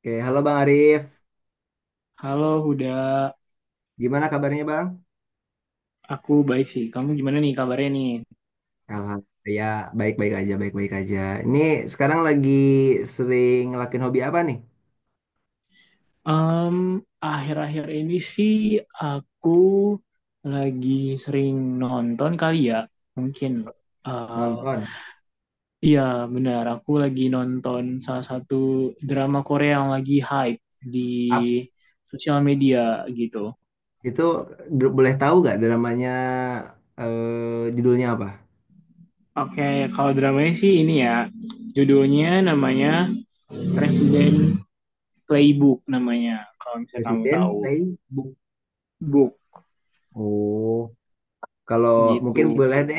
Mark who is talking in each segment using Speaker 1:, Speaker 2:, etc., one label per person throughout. Speaker 1: Oke, halo Bang Arif.
Speaker 2: Halo, udah
Speaker 1: Gimana kabarnya Bang?
Speaker 2: aku baik sih. Kamu gimana nih kabarnya nih?
Speaker 1: Alhamdulillah, ya baik-baik aja. Ini sekarang lagi sering ngelakuin hobi apa nih?
Speaker 2: Em, Akhir-akhir ini sih aku lagi sering nonton kali ya, mungkin. Eh,
Speaker 1: Nonton.
Speaker 2: iya benar, aku lagi nonton salah satu drama Korea yang lagi hype di
Speaker 1: Up.
Speaker 2: sosial media gitu.
Speaker 1: Itu boleh tahu nggak dramanya judulnya apa?
Speaker 2: Oke, kalau dramanya sih ini ya, judulnya namanya Resident Playbook namanya, kalau misalnya kamu
Speaker 1: Presiden
Speaker 2: tahu.
Speaker 1: Playbook.
Speaker 2: Book
Speaker 1: Oh, kalau
Speaker 2: gitu.
Speaker 1: mungkin boleh deh,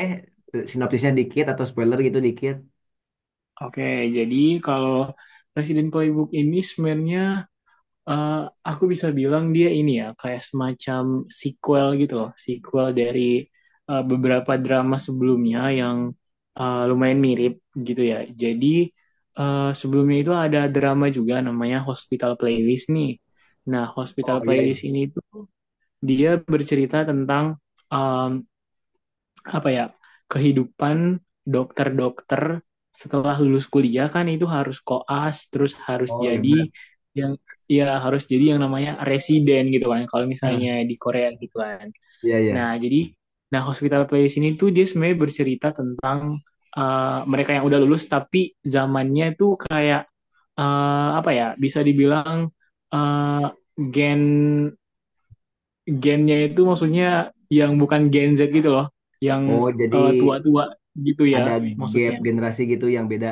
Speaker 1: sinopsisnya dikit atau spoiler gitu dikit.
Speaker 2: Oke, jadi kalau Presiden Playbook ini sebenarnya eh, aku bisa bilang dia ini ya kayak semacam sequel gitu loh, sequel dari beberapa drama sebelumnya yang lumayan mirip gitu ya. Jadi sebelumnya itu ada drama juga namanya Hospital Playlist nih. Nah, Hospital
Speaker 1: Oh iya,
Speaker 2: Playlist
Speaker 1: iya.
Speaker 2: ini tuh dia bercerita tentang eh, apa ya, kehidupan dokter-dokter setelah lulus kuliah kan itu harus koas terus harus
Speaker 1: Oh iya
Speaker 2: jadi
Speaker 1: benar.
Speaker 2: yang, ya harus jadi yang namanya residen gitu kan kalau
Speaker 1: Hah,
Speaker 2: misalnya di Korea gitu kan.
Speaker 1: iya iya.
Speaker 2: Nah jadi, nah Hospital Playlist ini tuh dia sebenarnya bercerita tentang mereka yang udah lulus tapi zamannya tuh kayak apa ya, bisa dibilang uh, gen gennya itu maksudnya yang bukan Gen Z gitu loh, yang
Speaker 1: Oh jadi
Speaker 2: tua-tua gitu ya
Speaker 1: ada gap
Speaker 2: maksudnya.
Speaker 1: generasi gitu yang beda.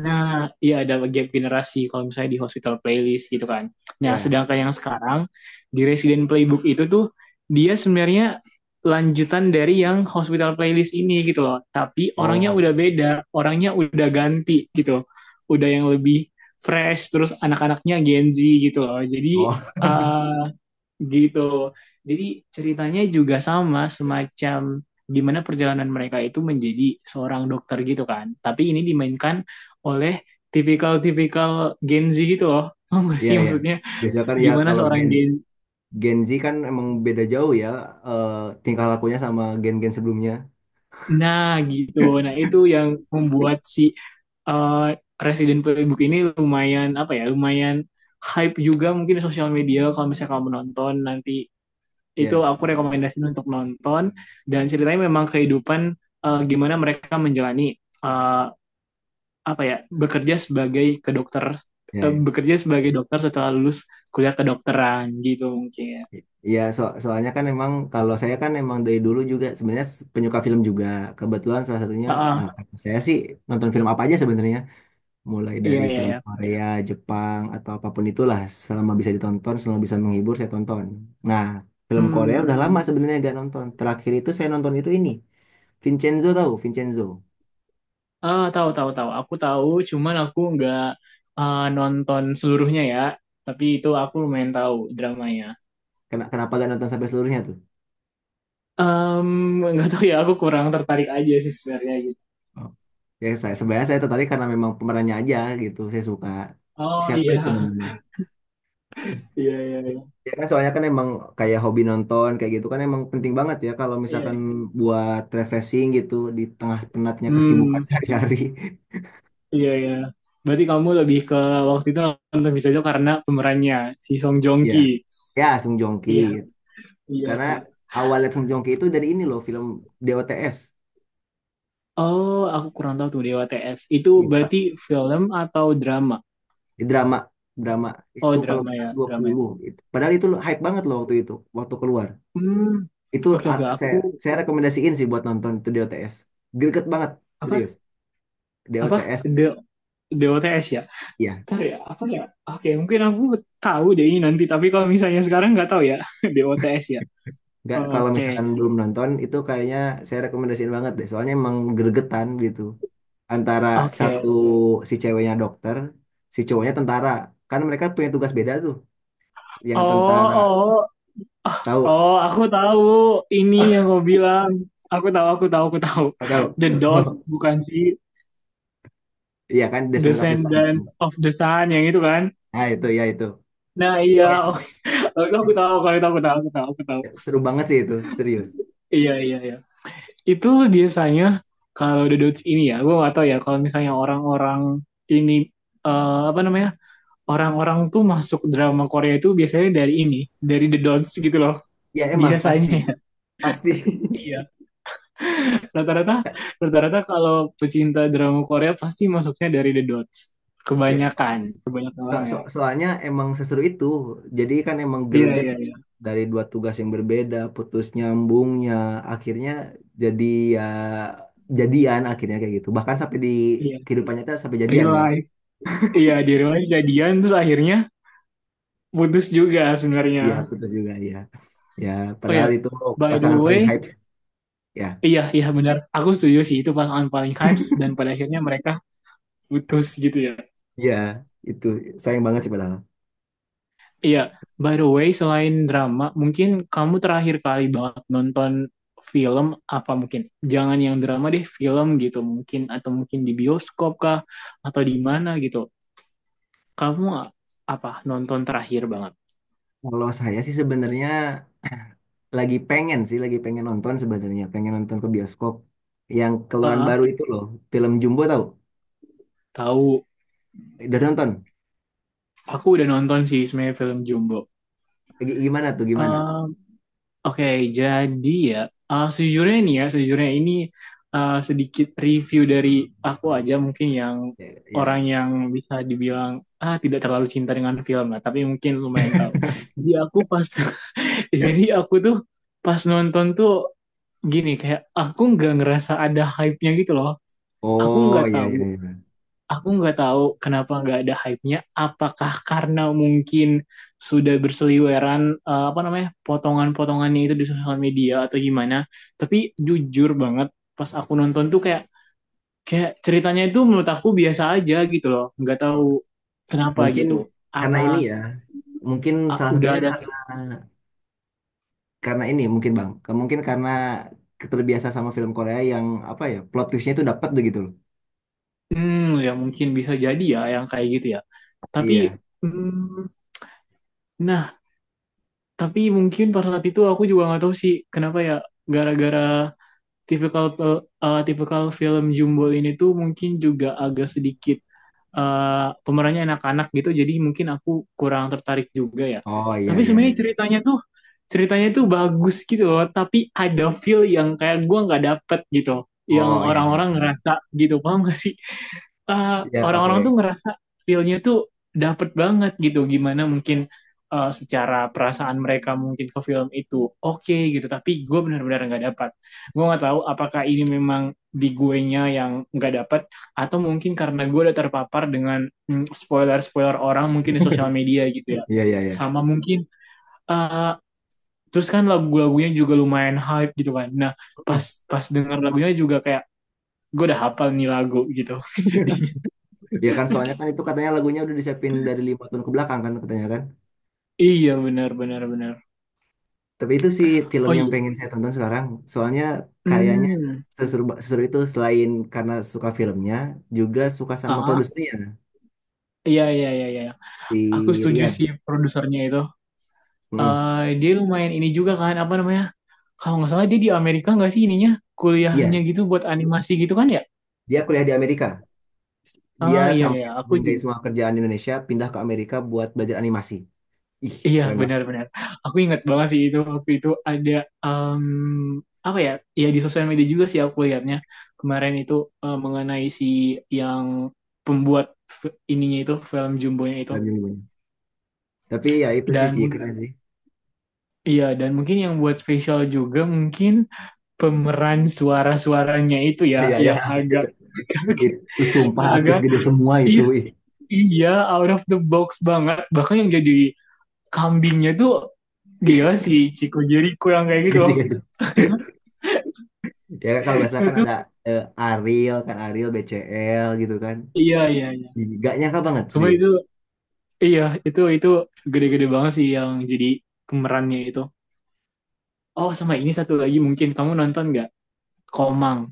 Speaker 2: Nah, iya ada gap generasi kalau misalnya di Hospital Playlist gitu kan. Nah,
Speaker 1: Ya.
Speaker 2: sedangkan yang sekarang di Resident Playbook itu tuh dia sebenarnya lanjutan dari yang Hospital Playlist ini gitu loh. Tapi orangnya
Speaker 1: Oh.
Speaker 2: udah beda, orangnya udah ganti gitu. Udah yang lebih fresh terus anak-anaknya Gen Z gitu loh. Jadi
Speaker 1: Oh.
Speaker 2: eh gitu. Jadi ceritanya juga sama, semacam gimana perjalanan mereka itu menjadi seorang dokter gitu kan. Tapi ini dimainkan oleh tipikal-tipikal Gen Z gitu loh. Paham gak
Speaker 1: Iya,
Speaker 2: sih
Speaker 1: iya.
Speaker 2: maksudnya
Speaker 1: Biasanya kan ya
Speaker 2: gimana
Speaker 1: kalau
Speaker 2: seorang
Speaker 1: Gen
Speaker 2: Gen.
Speaker 1: Gen Z kan emang beda jauh ya, eh, tingkah lakunya sama gen-gen sebelumnya.
Speaker 2: Nah gitu. Nah itu yang membuat si eh, Resident Playbook ini lumayan apa ya, lumayan hype juga mungkin di sosial media. Kalau misalnya kamu nonton nanti, itu
Speaker 1: Iya,
Speaker 2: aku rekomendasiin untuk nonton, dan ceritanya memang kehidupan, gimana mereka menjalani eh, apa ya, bekerja sebagai kedokter
Speaker 1: iya, iya.
Speaker 2: bekerja sebagai dokter setelah lulus kuliah kedokteran gitu mungkin.
Speaker 1: Iya, soalnya kan emang kalau saya kan emang dari dulu juga sebenarnya penyuka film juga. Kebetulan salah satunya,
Speaker 2: Ah,
Speaker 1: ah,
Speaker 2: ah,
Speaker 1: kalau saya sih nonton film apa aja sebenarnya, mulai
Speaker 2: iya
Speaker 1: dari
Speaker 2: iya
Speaker 1: film
Speaker 2: iya.
Speaker 1: Korea, Jepang atau apapun itulah selama bisa ditonton, selama bisa menghibur saya tonton. Nah, film Korea udah
Speaker 2: Hmm.
Speaker 1: lama sebenarnya gak nonton. Terakhir itu saya nonton itu ini, Vincenzo tahu, Vincenzo.
Speaker 2: Ah, tahu tahu tahu. Aku tahu, cuman aku nggak nonton seluruhnya ya. Tapi itu aku lumayan tahu dramanya.
Speaker 1: Kenapa gak nonton sampai seluruhnya tuh?
Speaker 2: Em, nggak tahu ya, aku kurang tertarik aja sih sebenarnya gitu.
Speaker 1: Oh. Ya saya sebenarnya saya tertarik karena memang pemerannya aja gitu. Saya suka
Speaker 2: Oh
Speaker 1: siapa itu
Speaker 2: iya,
Speaker 1: namanya?
Speaker 2: iya iya iya.
Speaker 1: Ya kan soalnya kan emang kayak hobi nonton kayak gitu kan emang penting banget ya kalau
Speaker 2: Iya,
Speaker 1: misalkan
Speaker 2: iya.
Speaker 1: buat refreshing gitu di tengah penatnya kesibukan
Speaker 2: Hmm,
Speaker 1: sehari-hari.
Speaker 2: iya ya. Berarti kamu lebih ke waktu itu nonton bisa aja karena pemerannya si Song Joong Ki.
Speaker 1: Ya, ya Sung Joong
Speaker 2: Iya,
Speaker 1: Ki.
Speaker 2: iya.
Speaker 1: Karena awalnya Sung Joong Ki itu dari ini loh film DOTS.
Speaker 2: Oh, aku kurang tahu tuh Dewa TS. Itu
Speaker 1: Iya, Pak.
Speaker 2: berarti film atau drama?
Speaker 1: Di drama drama itu
Speaker 2: Oh,
Speaker 1: kalau nggak
Speaker 2: drama
Speaker 1: salah
Speaker 2: ya,
Speaker 1: dua
Speaker 2: drama ya.
Speaker 1: puluh. Gitu. Padahal itu hype banget loh waktu itu, waktu keluar.
Speaker 2: Hmm,
Speaker 1: Itu
Speaker 2: oke
Speaker 1: ah,
Speaker 2: oke.
Speaker 1: saya
Speaker 2: Aku
Speaker 1: saya rekomendasiin sih buat nonton itu di OTS. Greget banget,
Speaker 2: apa
Speaker 1: serius. Di
Speaker 2: apa
Speaker 1: OTS,
Speaker 2: De Dewa TS ya?
Speaker 1: ya.
Speaker 2: Ntar ya, apa ya? Oke, mungkin aku tahu deh ini nanti. Tapi kalau misalnya sekarang nggak tahu ya, Dewa TS ya.
Speaker 1: Nggak, kalau
Speaker 2: Oke,
Speaker 1: misalkan belum nonton, itu kayaknya saya rekomendasiin banget deh. Soalnya emang gregetan gitu. Antara
Speaker 2: oke.
Speaker 1: satu si ceweknya dokter, si cowoknya tentara. Kan mereka punya tugas beda tuh. Yang tentara,
Speaker 2: Oh, oh.
Speaker 1: tahu?
Speaker 2: Oh, aku tahu ini yang kau bilang. Aku tahu, aku tahu, aku tahu.
Speaker 1: Tahu?
Speaker 2: The Dot, bukan sih?
Speaker 1: Iya kan, Descendant of the Sun.
Speaker 2: Descendant of the Sun, yang itu kan?
Speaker 1: Nah itu, ya itu.
Speaker 2: Nah, iya.
Speaker 1: Oh, itu.
Speaker 2: Oh, itu aku tahu, kalau itu aku tahu, aku tahu, aku tahu.
Speaker 1: Seru banget sih itu, serius.
Speaker 2: Iya, iya, iya. Itu biasanya kalau The Dots ini ya, gue gak tahu ya, kalau misalnya orang-orang ini, apa namanya, orang-orang tuh masuk drama Korea itu biasanya dari ini, dari The Dots gitu loh,
Speaker 1: Ya emang, pasti.
Speaker 2: biasanya.
Speaker 1: Pasti.
Speaker 2: rata-rata rata-rata kalau pecinta drama Korea pasti masuknya dari The Dots.
Speaker 1: Ya,
Speaker 2: Kebanyakan, kebanyakan orang ya.
Speaker 1: Soalnya emang seseru itu. Jadi kan emang
Speaker 2: Iya,
Speaker 1: greget
Speaker 2: iya,
Speaker 1: ya.
Speaker 2: iya.
Speaker 1: Dari dua tugas yang berbeda, putus nyambungnya, akhirnya jadi ya jadian akhirnya kayak gitu. Bahkan sampai di
Speaker 2: Iya,
Speaker 1: kehidupan nyata sampai jadian
Speaker 2: real
Speaker 1: kan.
Speaker 2: life. Iya, di real life jadian terus akhirnya putus juga
Speaker 1: Iya,
Speaker 2: sebenarnya.
Speaker 1: putus juga ya. Ya,
Speaker 2: Oh
Speaker 1: padahal
Speaker 2: ya,
Speaker 1: itu
Speaker 2: by the
Speaker 1: pasangan paling
Speaker 2: way,
Speaker 1: hype ya.
Speaker 2: iya, iya benar. Aku setuju sih itu pasangan paling hype, dan pada akhirnya mereka putus gitu ya.
Speaker 1: Iya, itu sayang banget sih padahal.
Speaker 2: Iya, by the way, selain drama, mungkin kamu terakhir kali banget nonton film apa mungkin? Jangan yang drama deh, film gitu mungkin, atau mungkin di bioskop kah atau di mana gitu. Kamu apa nonton terakhir banget?
Speaker 1: Kalau saya sih sebenarnya lagi pengen sih, lagi pengen nonton sebenarnya, pengen nonton ke bioskop yang
Speaker 2: Ah,
Speaker 1: keluaran baru
Speaker 2: ah,
Speaker 1: itu loh, film Jumbo tahu?
Speaker 2: tahu.
Speaker 1: Udah nonton?
Speaker 2: Aku udah nonton sih sebenarnya film Jumbo.
Speaker 1: Gimana tuh, gimana?
Speaker 2: Oke, jadi ya, sejujurnya nih ya, sejujurnya ini sedikit review dari aku aja mungkin, yang
Speaker 1: Ya,
Speaker 2: orang
Speaker 1: ya.
Speaker 2: yang bisa dibilang tidak terlalu cinta dengan film lah, tapi mungkin lumayan tahu. Jadi aku pas, jadi aku tuh pas nonton tuh, gini kayak aku nggak ngerasa ada hype-nya gitu loh. Aku nggak
Speaker 1: Oh, ya,
Speaker 2: tahu
Speaker 1: ya, ya.
Speaker 2: Aku nggak tahu kenapa nggak ada hype-nya. Apakah karena mungkin sudah berseliweran apa namanya, potongan-potongannya itu di sosial media atau gimana? Tapi jujur banget, pas aku nonton tuh kayak kayak ceritanya itu menurut aku biasa aja gitu loh. Nggak tahu kenapa
Speaker 1: Mungkin
Speaker 2: gitu.
Speaker 1: karena
Speaker 2: Apa,
Speaker 1: ini ya, mungkin
Speaker 2: ah,
Speaker 1: salah
Speaker 2: udah
Speaker 1: satunya
Speaker 2: ada?
Speaker 1: karena ini mungkin Bang, mungkin karena terbiasa sama film Korea yang apa ya, plot twistnya itu dapat begitu loh.
Speaker 2: Hmm, ya mungkin bisa jadi ya yang kayak gitu ya. Tapi
Speaker 1: Iya.
Speaker 2: hmm, nah, tapi mungkin pada saat itu aku juga nggak tahu sih kenapa ya, gara-gara tipikal, tipikal film Jumbo ini tuh mungkin juga agak sedikit, pemerannya anak-anak gitu, jadi mungkin aku kurang tertarik juga ya.
Speaker 1: Oh, iya,
Speaker 2: Tapi
Speaker 1: iya,
Speaker 2: sebenarnya
Speaker 1: iya.
Speaker 2: ceritanya tuh bagus gitu loh, tapi ada feel yang kayak gua nggak dapet gitu, yang
Speaker 1: Oh, iya, iya.
Speaker 2: orang-orang ngerasa gitu. Paham gak sih, eh,
Speaker 1: Iya,
Speaker 2: orang-orang
Speaker 1: pakai.
Speaker 2: tuh ngerasa feel-nya tuh dapet banget gitu. Gimana mungkin secara perasaan mereka mungkin ke film itu oke gitu. Tapi gue benar-benar nggak dapat. Gue nggak tahu apakah ini memang di guenya yang nggak dapat, atau mungkin karena gue udah terpapar dengan spoiler-spoiler orang mungkin di sosial media gitu ya.
Speaker 1: Iya, iya, iya.
Speaker 2: Sama mungkin eh, terus kan lagu-lagunya juga lumayan hype gitu kan. Nah
Speaker 1: Hmm.
Speaker 2: pas pas denger lagunya juga kayak gue udah hafal nih lagu gitu.
Speaker 1: Ya kan soalnya kan itu katanya lagunya udah disiapin dari 5 tahun ke belakang kan katanya kan.
Speaker 2: Iya benar benar benar.
Speaker 1: Tapi itu sih film
Speaker 2: Oh
Speaker 1: yang
Speaker 2: iya.
Speaker 1: pengen saya tonton sekarang. Soalnya kayaknya
Speaker 2: Hmm.
Speaker 1: seseru, seseru itu selain karena suka filmnya, juga suka sama
Speaker 2: Ah,
Speaker 1: produsernya,
Speaker 2: iya iya iya iya.
Speaker 1: si
Speaker 2: Aku setuju sih
Speaker 1: Rian.
Speaker 2: produsernya itu.
Speaker 1: Mm.
Speaker 2: Dia lumayan ini juga kan, apa namanya? Kalau nggak salah dia di Amerika nggak sih ininya, kuliahnya
Speaker 1: Iya,
Speaker 2: gitu buat animasi gitu kan ya?
Speaker 1: dia kuliah di Amerika. Dia
Speaker 2: Oh iya
Speaker 1: sampai
Speaker 2: iya, aku
Speaker 1: meninggalkan
Speaker 2: juga.
Speaker 1: semua kerjaan di Indonesia, pindah ke Amerika buat belajar animasi. Ih,
Speaker 2: Iya
Speaker 1: keren banget
Speaker 2: benar-benar. Aku ingat banget sih itu, waktu itu ada em, apa ya? Ya di sosial media juga sih aku lihatnya, kemarin itu mengenai si yang pembuat ininya itu, film Jumbonya itu
Speaker 1: filmnya gimana. Tapi ya itu sih,
Speaker 2: dan
Speaker 1: Ci,
Speaker 2: mu-
Speaker 1: keren sih.
Speaker 2: Iya, dan mungkin yang buat spesial juga mungkin pemeran suara-suaranya itu
Speaker 1: Ah,
Speaker 2: ya,
Speaker 1: iya, iya,
Speaker 2: yang
Speaker 1: itu,
Speaker 2: agak,
Speaker 1: itu sumpah artis
Speaker 2: agak,
Speaker 1: gede semua itu.
Speaker 2: iya
Speaker 1: Ih,
Speaker 2: iya out of the box banget, bahkan yang jadi kambingnya tuh, gila sih Chico Jericho yang kayak gitu
Speaker 1: iya sih,
Speaker 2: loh.
Speaker 1: iya sih. Ya kalau nggak salah kan ada, Ariel, kan Ariel, BCL gitu kan.
Speaker 2: Iya iya iya,
Speaker 1: Ih, gak nyangka banget,
Speaker 2: cuma
Speaker 1: serius.
Speaker 2: itu iya, itu gede-gede banget sih yang jadi pemerannya itu. Oh sama ini satu lagi mungkin kamu nonton nggak, Komang.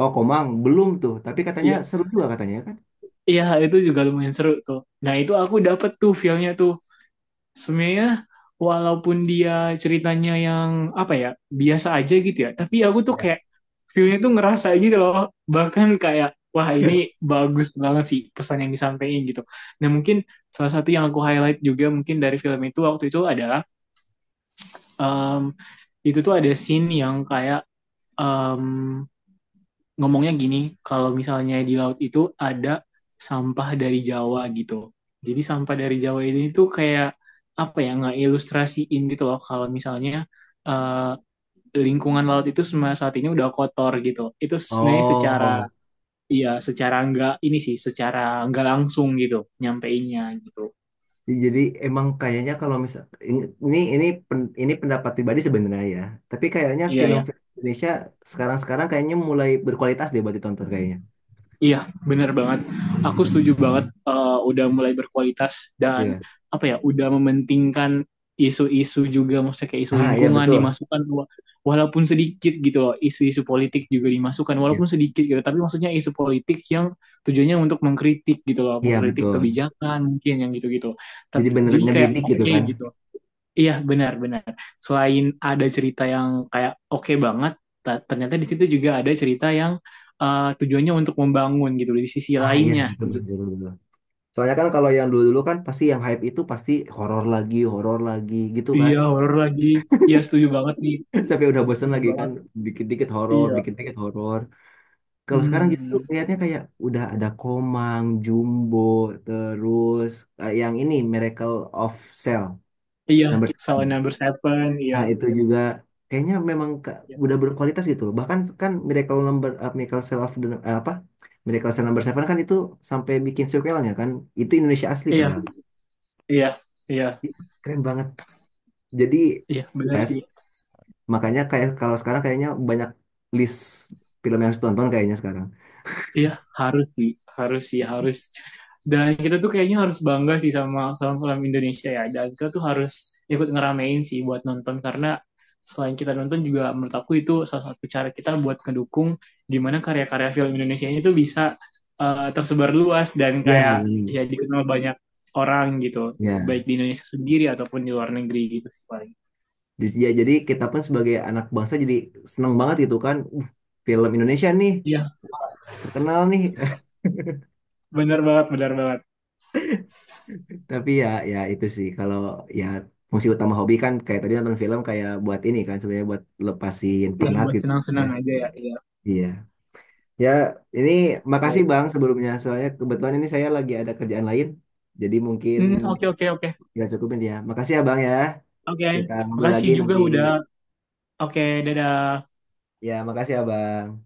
Speaker 1: Oh, Komang, belum tuh. Tapi katanya
Speaker 2: Iya
Speaker 1: seru juga katanya kan?
Speaker 2: iya itu juga lumayan seru tuh. Nah itu aku dapet tuh feelnya tuh, sebenarnya walaupun dia ceritanya yang apa ya, biasa aja gitu ya, tapi aku tuh
Speaker 1: Iya.
Speaker 2: kayak filmnya tuh ngerasa gitu loh, bahkan kayak, wah ini bagus banget sih pesan yang disampaikan gitu. Nah mungkin salah satu yang aku highlight juga mungkin dari film itu waktu itu adalah em, itu tuh ada scene yang kayak, em, ngomongnya gini, kalau misalnya di laut itu ada sampah dari Jawa gitu. Jadi sampah dari Jawa ini tuh kayak apa ya, nggak ilustrasiin gitu loh, kalau misalnya eh, lingkungan laut itu semasa saat ini udah kotor gitu. Itu sebenarnya secara,
Speaker 1: Oh,
Speaker 2: iya secara nggak ini sih, secara nggak langsung gitu nyampeinnya gitu.
Speaker 1: jadi emang kayaknya kalau misal ini ini ini pendapat pribadi sebenarnya ya. Tapi kayaknya
Speaker 2: Iya
Speaker 1: film
Speaker 2: ya.
Speaker 1: Indonesia sekarang-sekarang kayaknya mulai berkualitas deh buat ditonton kayaknya.
Speaker 2: Iya, benar banget. Aku setuju banget, udah mulai berkualitas, dan
Speaker 1: Iya.
Speaker 2: apa ya, udah mementingkan isu-isu juga, maksudnya kayak isu
Speaker 1: Ah, iya
Speaker 2: lingkungan
Speaker 1: betul.
Speaker 2: dimasukkan, walaupun sedikit gitu loh. Isu-isu politik juga dimasukkan walaupun
Speaker 1: Iya,
Speaker 2: sedikit gitu, tapi maksudnya isu politik yang tujuannya untuk mengkritik gitu loh,
Speaker 1: iya,
Speaker 2: mengkritik
Speaker 1: betul.
Speaker 2: kebijakan mungkin yang gitu-gitu.
Speaker 1: Jadi
Speaker 2: Tapi
Speaker 1: bener
Speaker 2: jadi kayak
Speaker 1: ngedidik gitu
Speaker 2: oke
Speaker 1: kan.
Speaker 2: gitu. Iya benar-benar. Selain ada cerita yang kayak oke banget, ternyata di situ juga ada cerita yang tujuannya untuk membangun gitu di sisi
Speaker 1: Ah, iya
Speaker 2: lainnya
Speaker 1: betul
Speaker 2: gitu.
Speaker 1: betul, betul, betul. Soalnya kan kalau yang dulu-dulu kan pasti yang hype itu pasti horor lagi gitu kan.
Speaker 2: Iya horor lagi. Iya setuju banget nih.
Speaker 1: Sampai udah bosen
Speaker 2: Setuju
Speaker 1: lagi kan,
Speaker 2: banget.
Speaker 1: dikit-dikit horor,
Speaker 2: Iya.
Speaker 1: dikit-dikit horor. Kalau sekarang justru
Speaker 2: Hmm.
Speaker 1: lihatnya kayak udah ada Komang, Jumbo, terus yang ini Miracle of Cell
Speaker 2: Iya.
Speaker 1: number
Speaker 2: Saw
Speaker 1: seven.
Speaker 2: number seven. Iya.
Speaker 1: Nah, itu juga kayaknya memang
Speaker 2: Iya.
Speaker 1: udah berkualitas gitu loh. Bahkan kan Miracle number eh, Miracle Cell of the, eh, apa? Miracle Cell number 7 kan itu sampai bikin sequelnya kan. Itu Indonesia asli
Speaker 2: Iya.
Speaker 1: padahal.
Speaker 2: Iya. Iya.
Speaker 1: Itu keren banget. Jadi
Speaker 2: Iya. Benar
Speaker 1: yes,
Speaker 2: sih.
Speaker 1: makanya kayak kalau sekarang kayaknya banyak list film yang harus ditonton kayaknya sekarang.
Speaker 2: Iya, harus sih, harus sih, harus. Dan kita tuh kayaknya harus bangga sih sama film-film Indonesia ya. Dan kita tuh harus ikut ngeramein sih buat nonton, karena selain kita nonton, juga menurut aku itu salah satu cara kita buat ngedukung gimana karya-karya film Indonesia ini tuh bisa tersebar luas dan
Speaker 1: Ya,
Speaker 2: kayak,
Speaker 1: benar.
Speaker 2: ya, dikenal banyak orang gitu,
Speaker 1: Ya.
Speaker 2: baik di Indonesia sendiri ataupun di luar negeri gitu sih paling.
Speaker 1: Ya, jadi kita pun sebagai anak bangsa jadi seneng banget gitu kan. Film Indonesia nih
Speaker 2: Iya,
Speaker 1: terkenal nih.
Speaker 2: benar banget, benar banget.
Speaker 1: Tapi ya ya itu sih kalau ya fungsi utama hobi kan kayak tadi nonton film kayak buat ini kan sebenarnya buat lepasin
Speaker 2: Yang
Speaker 1: penat
Speaker 2: buat
Speaker 1: gitu
Speaker 2: senang-senang
Speaker 1: sebenarnya.
Speaker 2: aja ya. Iya.
Speaker 1: Iya. Ya, ini makasih
Speaker 2: Oke.
Speaker 1: Bang sebelumnya soalnya kebetulan ini saya lagi ada kerjaan lain. Jadi mungkin
Speaker 2: Hmm, oke, oke, oke.
Speaker 1: kita cukupin ya. Makasih ya Bang ya.
Speaker 2: Oke,
Speaker 1: Kita ngobrol
Speaker 2: makasih
Speaker 1: lagi
Speaker 2: juga
Speaker 1: nanti.
Speaker 2: udah. Oke, dadah.
Speaker 1: Ya, makasih ya Bang.